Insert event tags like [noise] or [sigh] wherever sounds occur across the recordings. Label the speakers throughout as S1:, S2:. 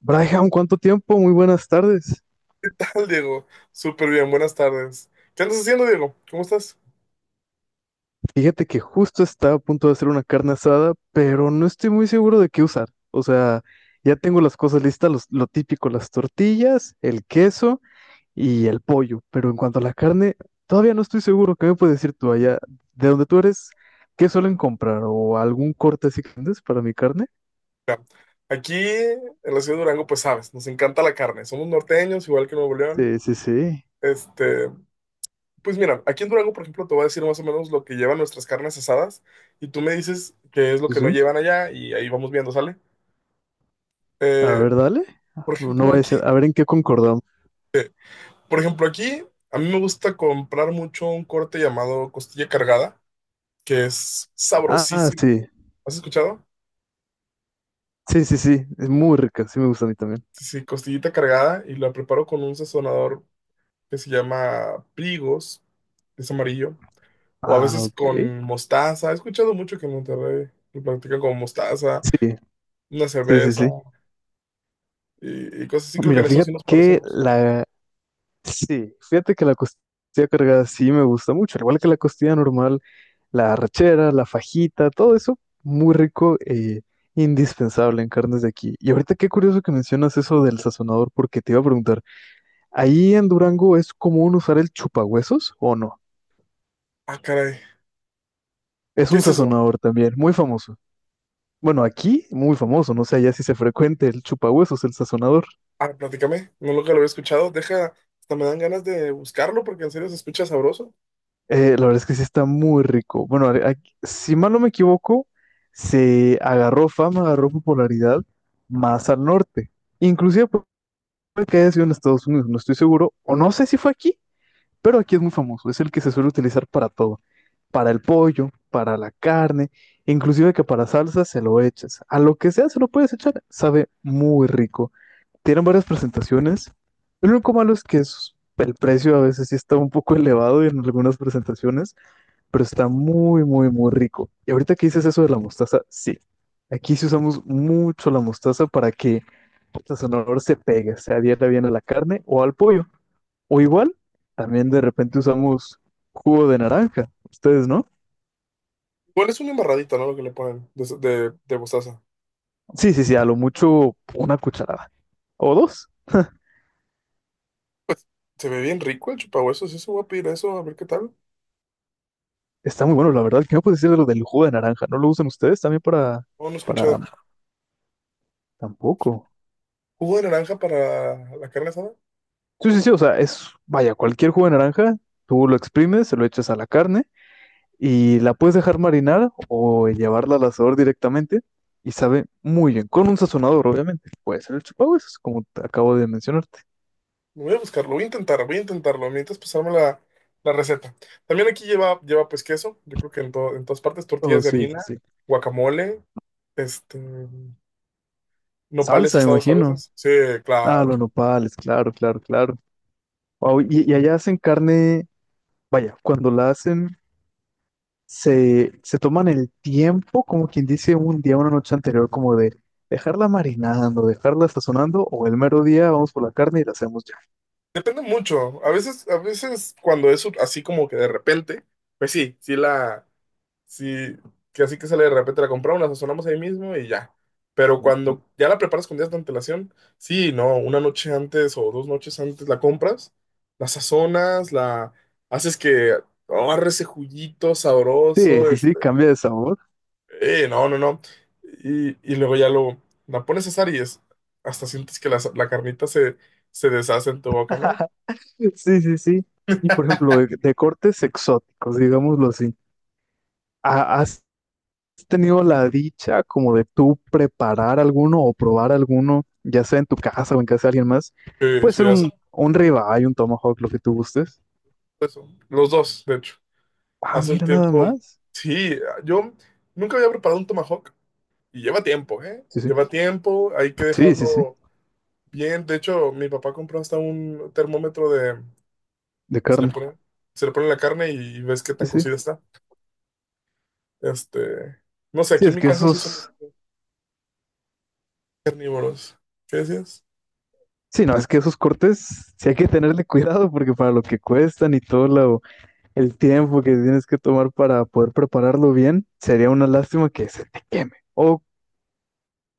S1: Braihan, ¿cuánto tiempo? Muy buenas tardes.
S2: ¿Qué tal, Diego? Súper bien, buenas tardes. ¿Qué andas haciendo, Diego? ¿Cómo estás?
S1: Fíjate que justo estaba a punto de hacer una carne asada, pero no estoy muy seguro de qué usar. O sea, ya tengo las cosas listas, lo típico, las tortillas, el queso y el pollo. Pero en cuanto a la carne, todavía no estoy seguro. ¿Qué me puedes decir tú allá? ¿De donde tú eres? ¿Qué suelen comprar? ¿O algún corte así que vendes para mi carne?
S2: Mira, aquí en la ciudad de Durango, pues sabes, nos encanta la carne. Somos norteños, igual que Nuevo León.
S1: Sí, sí, sí.
S2: Este, pues mira, aquí en Durango, por ejemplo, te voy a decir más o menos lo que llevan nuestras carnes asadas y tú me dices qué es lo
S1: Sí,
S2: que no
S1: sí.
S2: llevan allá y ahí vamos viendo, ¿sale?
S1: A
S2: Eh,
S1: ver, dale.
S2: por
S1: No voy
S2: ejemplo,
S1: a decir,
S2: aquí
S1: a ver en qué concordamos.
S2: Por ejemplo, aquí a mí me gusta comprar mucho un corte llamado costilla cargada, que es
S1: Ah,
S2: sabrosísimo.
S1: sí.
S2: ¿Has escuchado?
S1: Sí, sí, sí. Es muy rica. Sí me gusta a mí también.
S2: Sí, sí, costillita cargada y la preparo con un sazonador que se llama Prigos, es amarillo, o a
S1: Ah,
S2: veces
S1: ok.
S2: con mostaza. He escuchado mucho que en Monterrey lo practican con mostaza,
S1: Sí,
S2: una
S1: sí, sí,
S2: cerveza
S1: sí.
S2: y cosas así. Creo que
S1: Mira,
S2: en eso
S1: fíjate
S2: sí nos
S1: que
S2: parecemos.
S1: la... Sí, fíjate que la costilla cargada sí me gusta mucho, al igual que la costilla normal, la arrachera, la fajita, todo eso, muy rico e indispensable en carnes de aquí. Y ahorita qué curioso que mencionas eso del sazonador, porque te iba a preguntar, ¿ahí en Durango es común usar el chupahuesos o no?
S2: Ah, caray,
S1: Es
S2: ¿qué
S1: un
S2: es eso?
S1: sazonador también, muy famoso. Bueno, aquí muy famoso, no sé allá si se frecuente el chupahuesos, el sazonador.
S2: Ah, platícame, no lo que lo había escuchado. Deja, hasta me dan ganas de buscarlo porque en serio se escucha sabroso.
S1: La verdad es que sí está muy rico. Bueno, si mal no me equivoco, se agarró fama, agarró popularidad más al norte. Inclusive puede que haya sido en Estados Unidos, no estoy seguro, o no sé si fue aquí, pero aquí es muy famoso. Es el que se suele utilizar para todo, para el pollo, para la carne, inclusive que para salsa se lo echas. A lo que sea se lo puedes echar, sabe muy rico. Tienen varias presentaciones. Lo único malo es que el precio a veces sí está un poco [laughs] elevado en algunas presentaciones, pero está muy, muy, muy rico. Y ahorita que dices eso de la mostaza, sí. Aquí sí usamos mucho la mostaza para que el sonador se pegue, se adhiera bien a la carne o al pollo. O igual, también de repente usamos jugo de naranja. ¿Ustedes no?
S2: Igual es una embarradita, ¿no? Lo que le ponen de mostaza.
S1: Sí, sí, sí, a lo mucho una cucharada o dos.
S2: Pues se ve bien rico el chupahuesos. Sí, se voy a pedir eso, a ver qué tal.
S1: Está muy bueno, la verdad. ¿Qué me puedes decir de lo del jugo de naranja? ¿No lo usan ustedes también
S2: No, no he
S1: para,
S2: escuchado.
S1: tampoco?
S2: ¿Jugo de naranja para la carne asada?
S1: Sí, sí, sí, o sea, es, vaya, cualquier jugo de naranja, tú lo exprimes, se lo echas a la carne y la puedes dejar marinar o llevarla al asador directamente y sabe muy bien, con un sazonador, obviamente. Puede ser el chupahuesos, como te acabo de mencionarte.
S2: Voy a buscarlo, voy a intentar, voy a intentarlo. Mientras pasarme la receta. También aquí lleva pues queso. Yo creo que en todas partes
S1: Oh,
S2: tortillas de
S1: sí,
S2: harina,
S1: sí.
S2: guacamole, este, nopales
S1: Salsa, me
S2: asados a
S1: imagino.
S2: veces. Sí,
S1: Ah,
S2: claro.
S1: los nopales, claro, claro, claro. Wow, y allá hacen carne, vaya, cuando la hacen, se toman el tiempo, como quien dice, un día, una noche anterior, como de dejarla marinando, dejarla sazonando, o el mero día vamos por la carne y la hacemos ya.
S2: Depende mucho. A veces cuando es así como que de repente, pues sí, sí la. Sí, que así que sale de repente, la compramos, la sazonamos ahí mismo y ya. Pero cuando ya la preparas con días de antelación, sí, no, una noche antes o 2 noches antes la compras, la sazonas, la haces que agarre ese juguito
S1: Sí,
S2: sabroso,
S1: sí, sí, cambia de sabor.
S2: no, no, no. Y luego ya la pones a asar y es, hasta sientes que la carnita se deshace en tu boca, ¿no?
S1: [laughs] Sí, sí, sí. Y por ejemplo, de cortes exóticos, digámoslo así. ¿Has tenido la dicha como de tú preparar alguno o probar alguno, ya sea en tu casa o en casa de alguien más?
S2: Sí,
S1: Puede
S2: sí,
S1: ser
S2: hace
S1: un ribeye, un tomahawk, lo que tú gustes.
S2: eso. Los dos, de hecho.
S1: Ah,
S2: Hace un
S1: mira, nada
S2: tiempo,
S1: más.
S2: sí, yo nunca había preparado un tomahawk. Y lleva tiempo, ¿eh?
S1: Sí, sí.
S2: Lleva tiempo, hay que
S1: Sí, sí, sí.
S2: dejarlo bien. De hecho, mi papá compró hasta un termómetro de
S1: De
S2: que se le
S1: carne.
S2: pone, se le pone en la carne y ves qué
S1: Sí,
S2: tan
S1: sí.
S2: cocida está. Este, no sé,
S1: Sí,
S2: aquí en
S1: es
S2: mi
S1: que
S2: casa sí somos
S1: esos.
S2: carnívoros. ¿Qué decías?
S1: Sí, no, es que esos cortes sí hay que tenerle cuidado porque para lo que cuestan y todo lo, el tiempo que tienes que tomar para poder prepararlo bien, sería una lástima que se te queme. O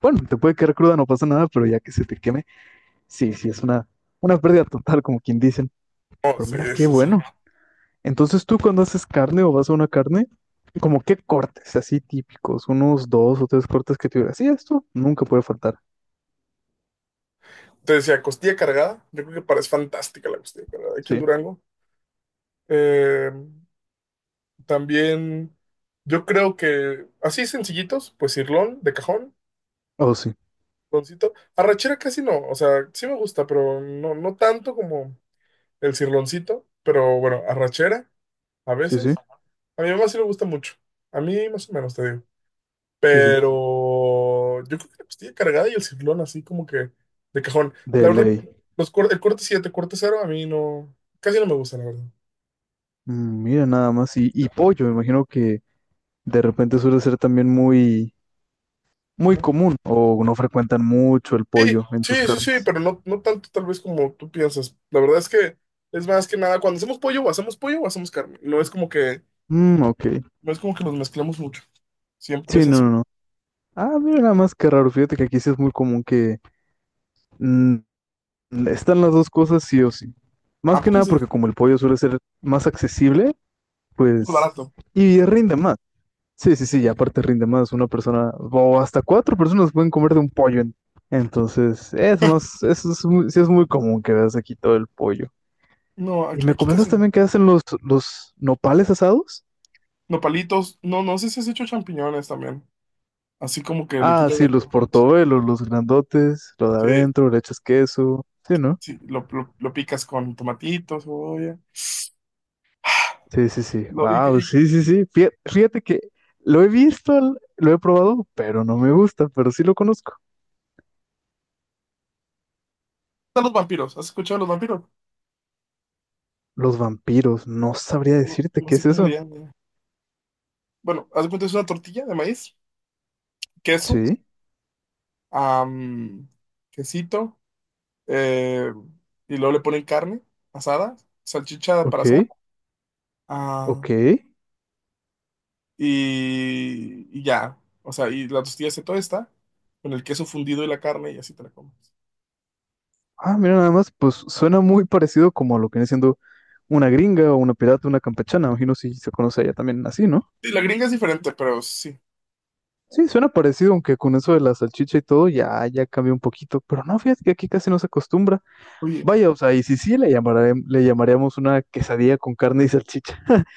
S1: bueno, te puede quedar cruda, no pasa nada, pero ya que se te queme, sí, sí, es una pérdida total, como quien dicen.
S2: No,
S1: Pero
S2: sí,
S1: mira, qué
S2: sí, sí.
S1: bueno. Entonces tú cuando haces carne o vas a una carne, como qué cortes así típicos, unos dos o tres cortes que tuvieras. Sí, esto nunca puede faltar.
S2: Te decía, costilla cargada. Yo creo que parece fantástica la costilla cargada aquí en
S1: Sí.
S2: Durango. Eh, También, yo creo que así sencillitos, pues sirlón de cajón.
S1: Oh, sí,
S2: Cirloncito. Arrachera casi no, o sea, sí me gusta, pero no, no tanto como el cirloncito, pero bueno, arrachera a
S1: sí,
S2: veces.
S1: sí,
S2: A mi mamá sí le gusta mucho, a mí más o menos, te digo.
S1: sí, sí.
S2: Pero yo creo que la costilla cargada y el cirlón así como que de cajón. La
S1: De
S2: verdad,
S1: ley.
S2: el corte 7 corte cero a mí no, casi no me gusta, la verdad.
S1: Mm, mira nada más. Y pollo, me imagino que de repente suele ser también muy muy
S2: Ajá.
S1: común o no frecuentan mucho el
S2: Sí,
S1: pollo en sus
S2: sí, sí, sí,
S1: carnes.
S2: pero no, no tanto tal vez como tú piensas. La verdad es que es más que nada, cuando hacemos pollo o hacemos pollo o hacemos carne. No es como que,
S1: Mm, ok.
S2: no es como que los mezclamos mucho. Siempre
S1: Sí,
S2: es
S1: no, no,
S2: así.
S1: no. Ah, mira nada más que raro. Fíjate que aquí sí es muy común que mm, están las dos cosas sí o sí.
S2: ¿A
S1: Más que
S2: poco
S1: nada
S2: sí?
S1: porque como el pollo suele ser más accesible,
S2: Muy
S1: pues...
S2: barato.
S1: Y rinde más. Sí, sí, sí, y
S2: Sí.
S1: aparte rinde más. Una persona o hasta cuatro personas pueden comer de un pollo. Entonces, es más, eso es muy, sí es muy común que veas aquí todo el pollo.
S2: No,
S1: Y
S2: aquí,
S1: me
S2: aquí
S1: comentas
S2: casi no.
S1: también que hacen los nopales asados.
S2: Nopalitos. No, no sé si has hecho champiñones también. Así como que le
S1: Ah,
S2: quitas la
S1: sí, los
S2: cabeza.
S1: portobelos, los grandotes, lo de
S2: Sí,
S1: adentro, le echas queso. Sí, ¿no?
S2: sí, lo picas con tomatitos, cebolla.
S1: Sí, sí, sí.
S2: Lo- y, y-
S1: Wow,
S2: ¿Qué
S1: sí, sí, sí. Fíjate que lo he visto, lo he probado, pero no me gusta, pero sí lo conozco.
S2: tal los vampiros? ¿Has escuchado de los vampiros?
S1: Los vampiros, no sabría
S2: No,
S1: decirte
S2: no
S1: qué
S2: sé
S1: es
S2: cómo le
S1: eso.
S2: llaman. Bueno, haz de cuenta, es una tortilla de maíz, queso,
S1: Sí,
S2: am, quesito, eh, y luego le ponen carne asada, salchicha para asar.
S1: ok, ok.
S2: Ah, y ya. O sea, y la tortilla se está con el queso fundido y la carne y así te la comes.
S1: Ah, mira, nada más, pues suena muy parecido como a lo que viene siendo una gringa o una pirata, una campechana. Imagino si se conoce allá también así, ¿no?
S2: Sí, la gringa es diferente, pero sí.
S1: Sí, suena parecido, aunque con eso de la salchicha y todo ya, ya cambió un poquito, pero no, fíjate que aquí casi no se acostumbra.
S2: Oye,
S1: Vaya, o sea, y si sí, le llamaríamos una quesadilla con carne y salchicha. [laughs]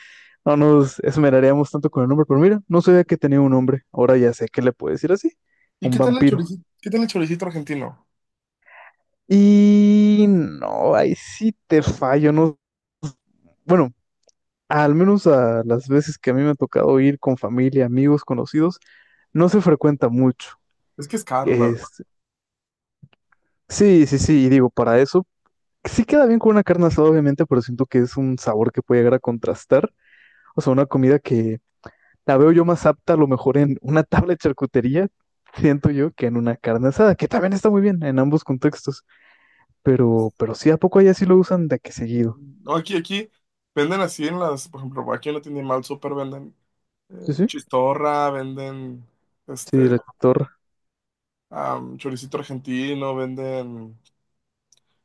S1: No nos esmeraríamos tanto con el nombre, pero mira, no sabía que tenía un nombre, ahora ya sé que le puedo decir así,
S2: ¿y
S1: un
S2: qué tal el
S1: vampiro.
S2: choricito? ¿Qué tal el choricito argentino?
S1: Y no, ahí sí te fallo, no, bueno, al menos a las veces que a mí me ha tocado ir con familia, amigos, conocidos, no se frecuenta mucho.
S2: Es que es caro, la verdad.
S1: Es- Sí, sí, sí, y digo, para eso sí queda bien con una carne asada, obviamente, pero siento que es un sabor que puede llegar a contrastar. O sea, una comida que la veo yo más apta a lo mejor en una [laughs] tabla de charcutería, siento yo, que en una carne asada, que también está muy bien en ambos contextos. Pero sí, ¿a poco allá sí lo usan de que seguido?
S2: No, aquí venden así en las, por ejemplo, aquí en la tienda mal súper venden
S1: Sí, sí.
S2: chistorra, venden este
S1: Sí, la torre.
S2: choricito argentino, venden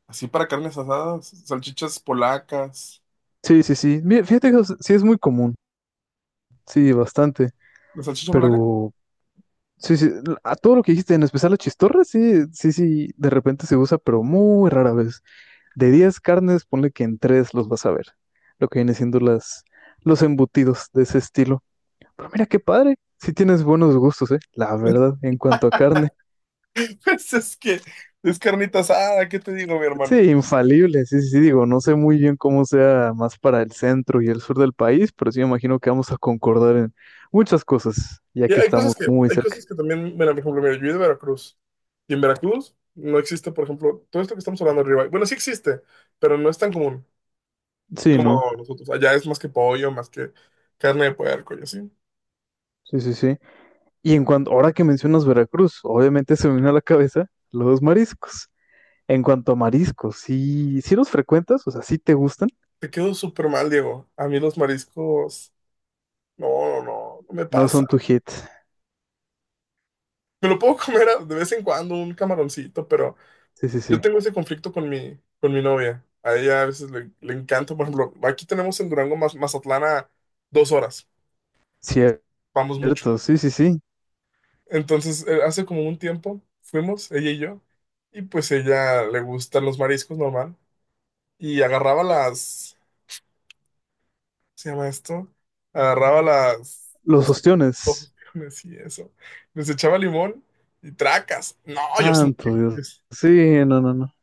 S2: así para carnes asadas, salchichas polacas.
S1: Sí, sí, sí. Mira, fíjate que o sea, sí es muy común. Sí, bastante.
S2: ¿La salchicha polaca?
S1: Pero sí, sí. A todo lo que dijiste, en especial la chistorra, sí, sí, sí, de repente se usa, pero muy rara vez. De 10 carnes, ponle que en 3 los vas a ver. Lo que viene siendo las, los embutidos de ese estilo. Pero mira qué padre. Sí tienes buenos gustos, ¿eh? La verdad, en cuanto a carne. [laughs]
S2: [laughs] Pues es que es carnita asada, ¿qué te digo, mi
S1: Sí,
S2: hermano?
S1: infalible. Sí, sí, sí, digo, no sé muy bien cómo sea más para el centro y el sur del país, pero sí me imagino que vamos a concordar en muchas cosas, ya
S2: Y
S1: que
S2: hay cosas
S1: estamos
S2: que,
S1: muy
S2: hay
S1: cerca.
S2: cosas que también, mira, por ejemplo, mira, yo soy de Veracruz. Y en Veracruz no existe, por ejemplo, todo esto que estamos hablando arriba. Bueno, sí existe, pero no es tan común
S1: Sí, ¿no?
S2: como nosotros. Allá es más que pollo, más que carne de puerco y así.
S1: Sí, sí, sí. Y en cuanto, ahora que mencionas Veracruz, obviamente se me vino a la cabeza los mariscos. En cuanto a mariscos, sí, sí los frecuentas, o sea, sí te gustan,
S2: Te quedo súper mal, Diego. A mí los mariscos, no, no, no, no me
S1: no
S2: pasa.
S1: son tu hit.
S2: Me lo puedo [laughs] comer de vez en cuando un camaroncito, pero
S1: Sí, sí,
S2: yo
S1: sí.
S2: tengo ese conflicto con mi novia. A ella a veces le encanta, por ejemplo, aquí tenemos en Durango, Mazatlán, a 2 horas, vamos mucho.
S1: Cierto, sí, sí, sí.
S2: Entonces, hace como un tiempo fuimos, ella y yo, y pues ella le gustan los mariscos normal, y agarraba las, ¿cómo se llama esto? Agarraba las,
S1: Los
S2: las que- [laughs]
S1: ostiones.
S2: camarones y eso, les echaba limón y tracas. No, yo sentí,
S1: Santo
S2: yo,
S1: Dios. Sí, no, no, no.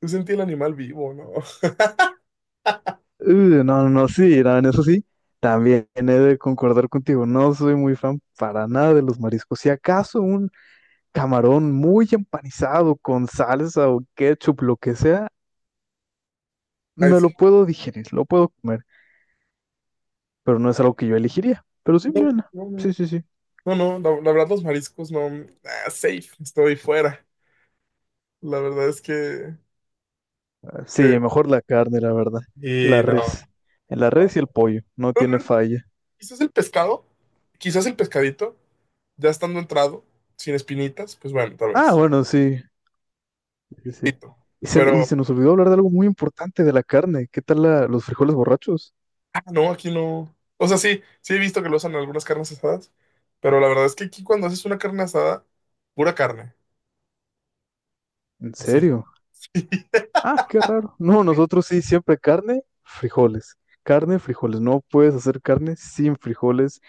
S2: yo sentí el animal vivo, ¿no? [laughs]
S1: Uh, no, no, no, sí, no, en eso sí. También he de concordar contigo. No soy muy fan para nada de los mariscos. Si acaso un camarón muy empanizado con salsa o ketchup, lo que sea,
S2: Ay,
S1: me lo
S2: sí.
S1: puedo digerir, lo puedo comer, pero no es algo que yo elegiría. Pero sí,
S2: No,
S1: bien.
S2: no, no.
S1: Sí, sí, sí.
S2: No, no, la verdad los mariscos no, safe, estoy fuera. La verdad es que,
S1: Sí,
S2: que-
S1: mejor la carne, la verdad.
S2: y
S1: La
S2: no,
S1: res. La
S2: no,
S1: res y el pollo, no
S2: no, no,
S1: tiene
S2: no.
S1: falla.
S2: Quizás el pescado, quizás el pescadito, ya estando entrado, sin espinitas, pues bueno, tal
S1: Ah,
S2: vez,
S1: bueno, sí, sí, sí.
S2: poquito.
S1: Y
S2: Pero,
S1: se nos olvidó hablar de algo muy importante de la carne. ¿Qué tal la- los frijoles borrachos?
S2: no, aquí no. O sea, sí, sí he visto que lo usan en algunas carnes asadas, pero la verdad es que aquí cuando haces una carne asada, pura carne,
S1: ¿En
S2: sí.
S1: serio?
S2: [laughs]
S1: Ah, qué raro. No, nosotros sí, siempre carne, frijoles. Carne, frijoles. No puedes hacer carne sin frijoles,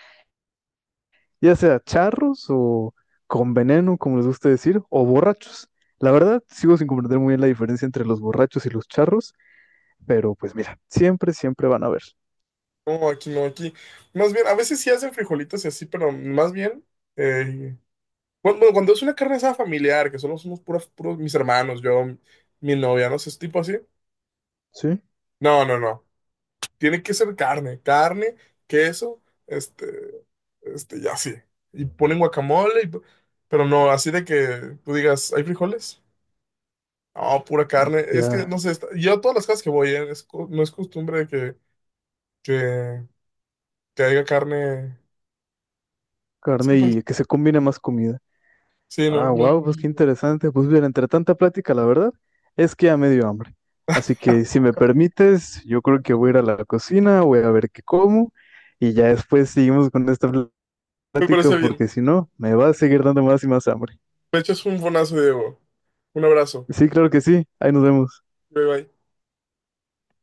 S1: ya sea charros o con veneno, como les gusta decir, o borrachos. La verdad, sigo sin comprender muy bien la diferencia entre los borrachos y los charros, pero pues mira, siempre, siempre van a haber.
S2: No, aquí no, aquí. Más bien, a veces sí hacen frijolitos y así, pero más bien, eh, cuando, bueno, cuando es una carne asada familiar, que solo somos puros, puros mis hermanos, yo, mi novia, no sé, es tipo así.
S1: Sí,
S2: No, no, no. Tiene que ser carne, carne, queso, este, ya sí. Y ponen guacamole, y pero no, así de que tú digas, ¿hay frijoles? No, pura carne. Es que,
S1: ya
S2: no sé, yo a todas las casas que voy, no es costumbre de que, que haya carne. Sí,
S1: carne
S2: pues,
S1: y que se combine más comida.
S2: sí,
S1: Ah,
S2: no, no,
S1: wow, pues
S2: no,
S1: qué
S2: no.
S1: interesante. Pues bien, entre tanta plática, la verdad es que ya me dio hambre. Así que si me permites, yo creo que voy a ir a la cocina, voy a ver qué como y ya después seguimos con esta
S2: Me
S1: plática
S2: parece bien.
S1: porque si no, me va a seguir dando más y más hambre.
S2: Me echas un bonazo, Diego. Un abrazo.
S1: Sí, claro que sí. Ahí nos vemos.
S2: Bye, bye.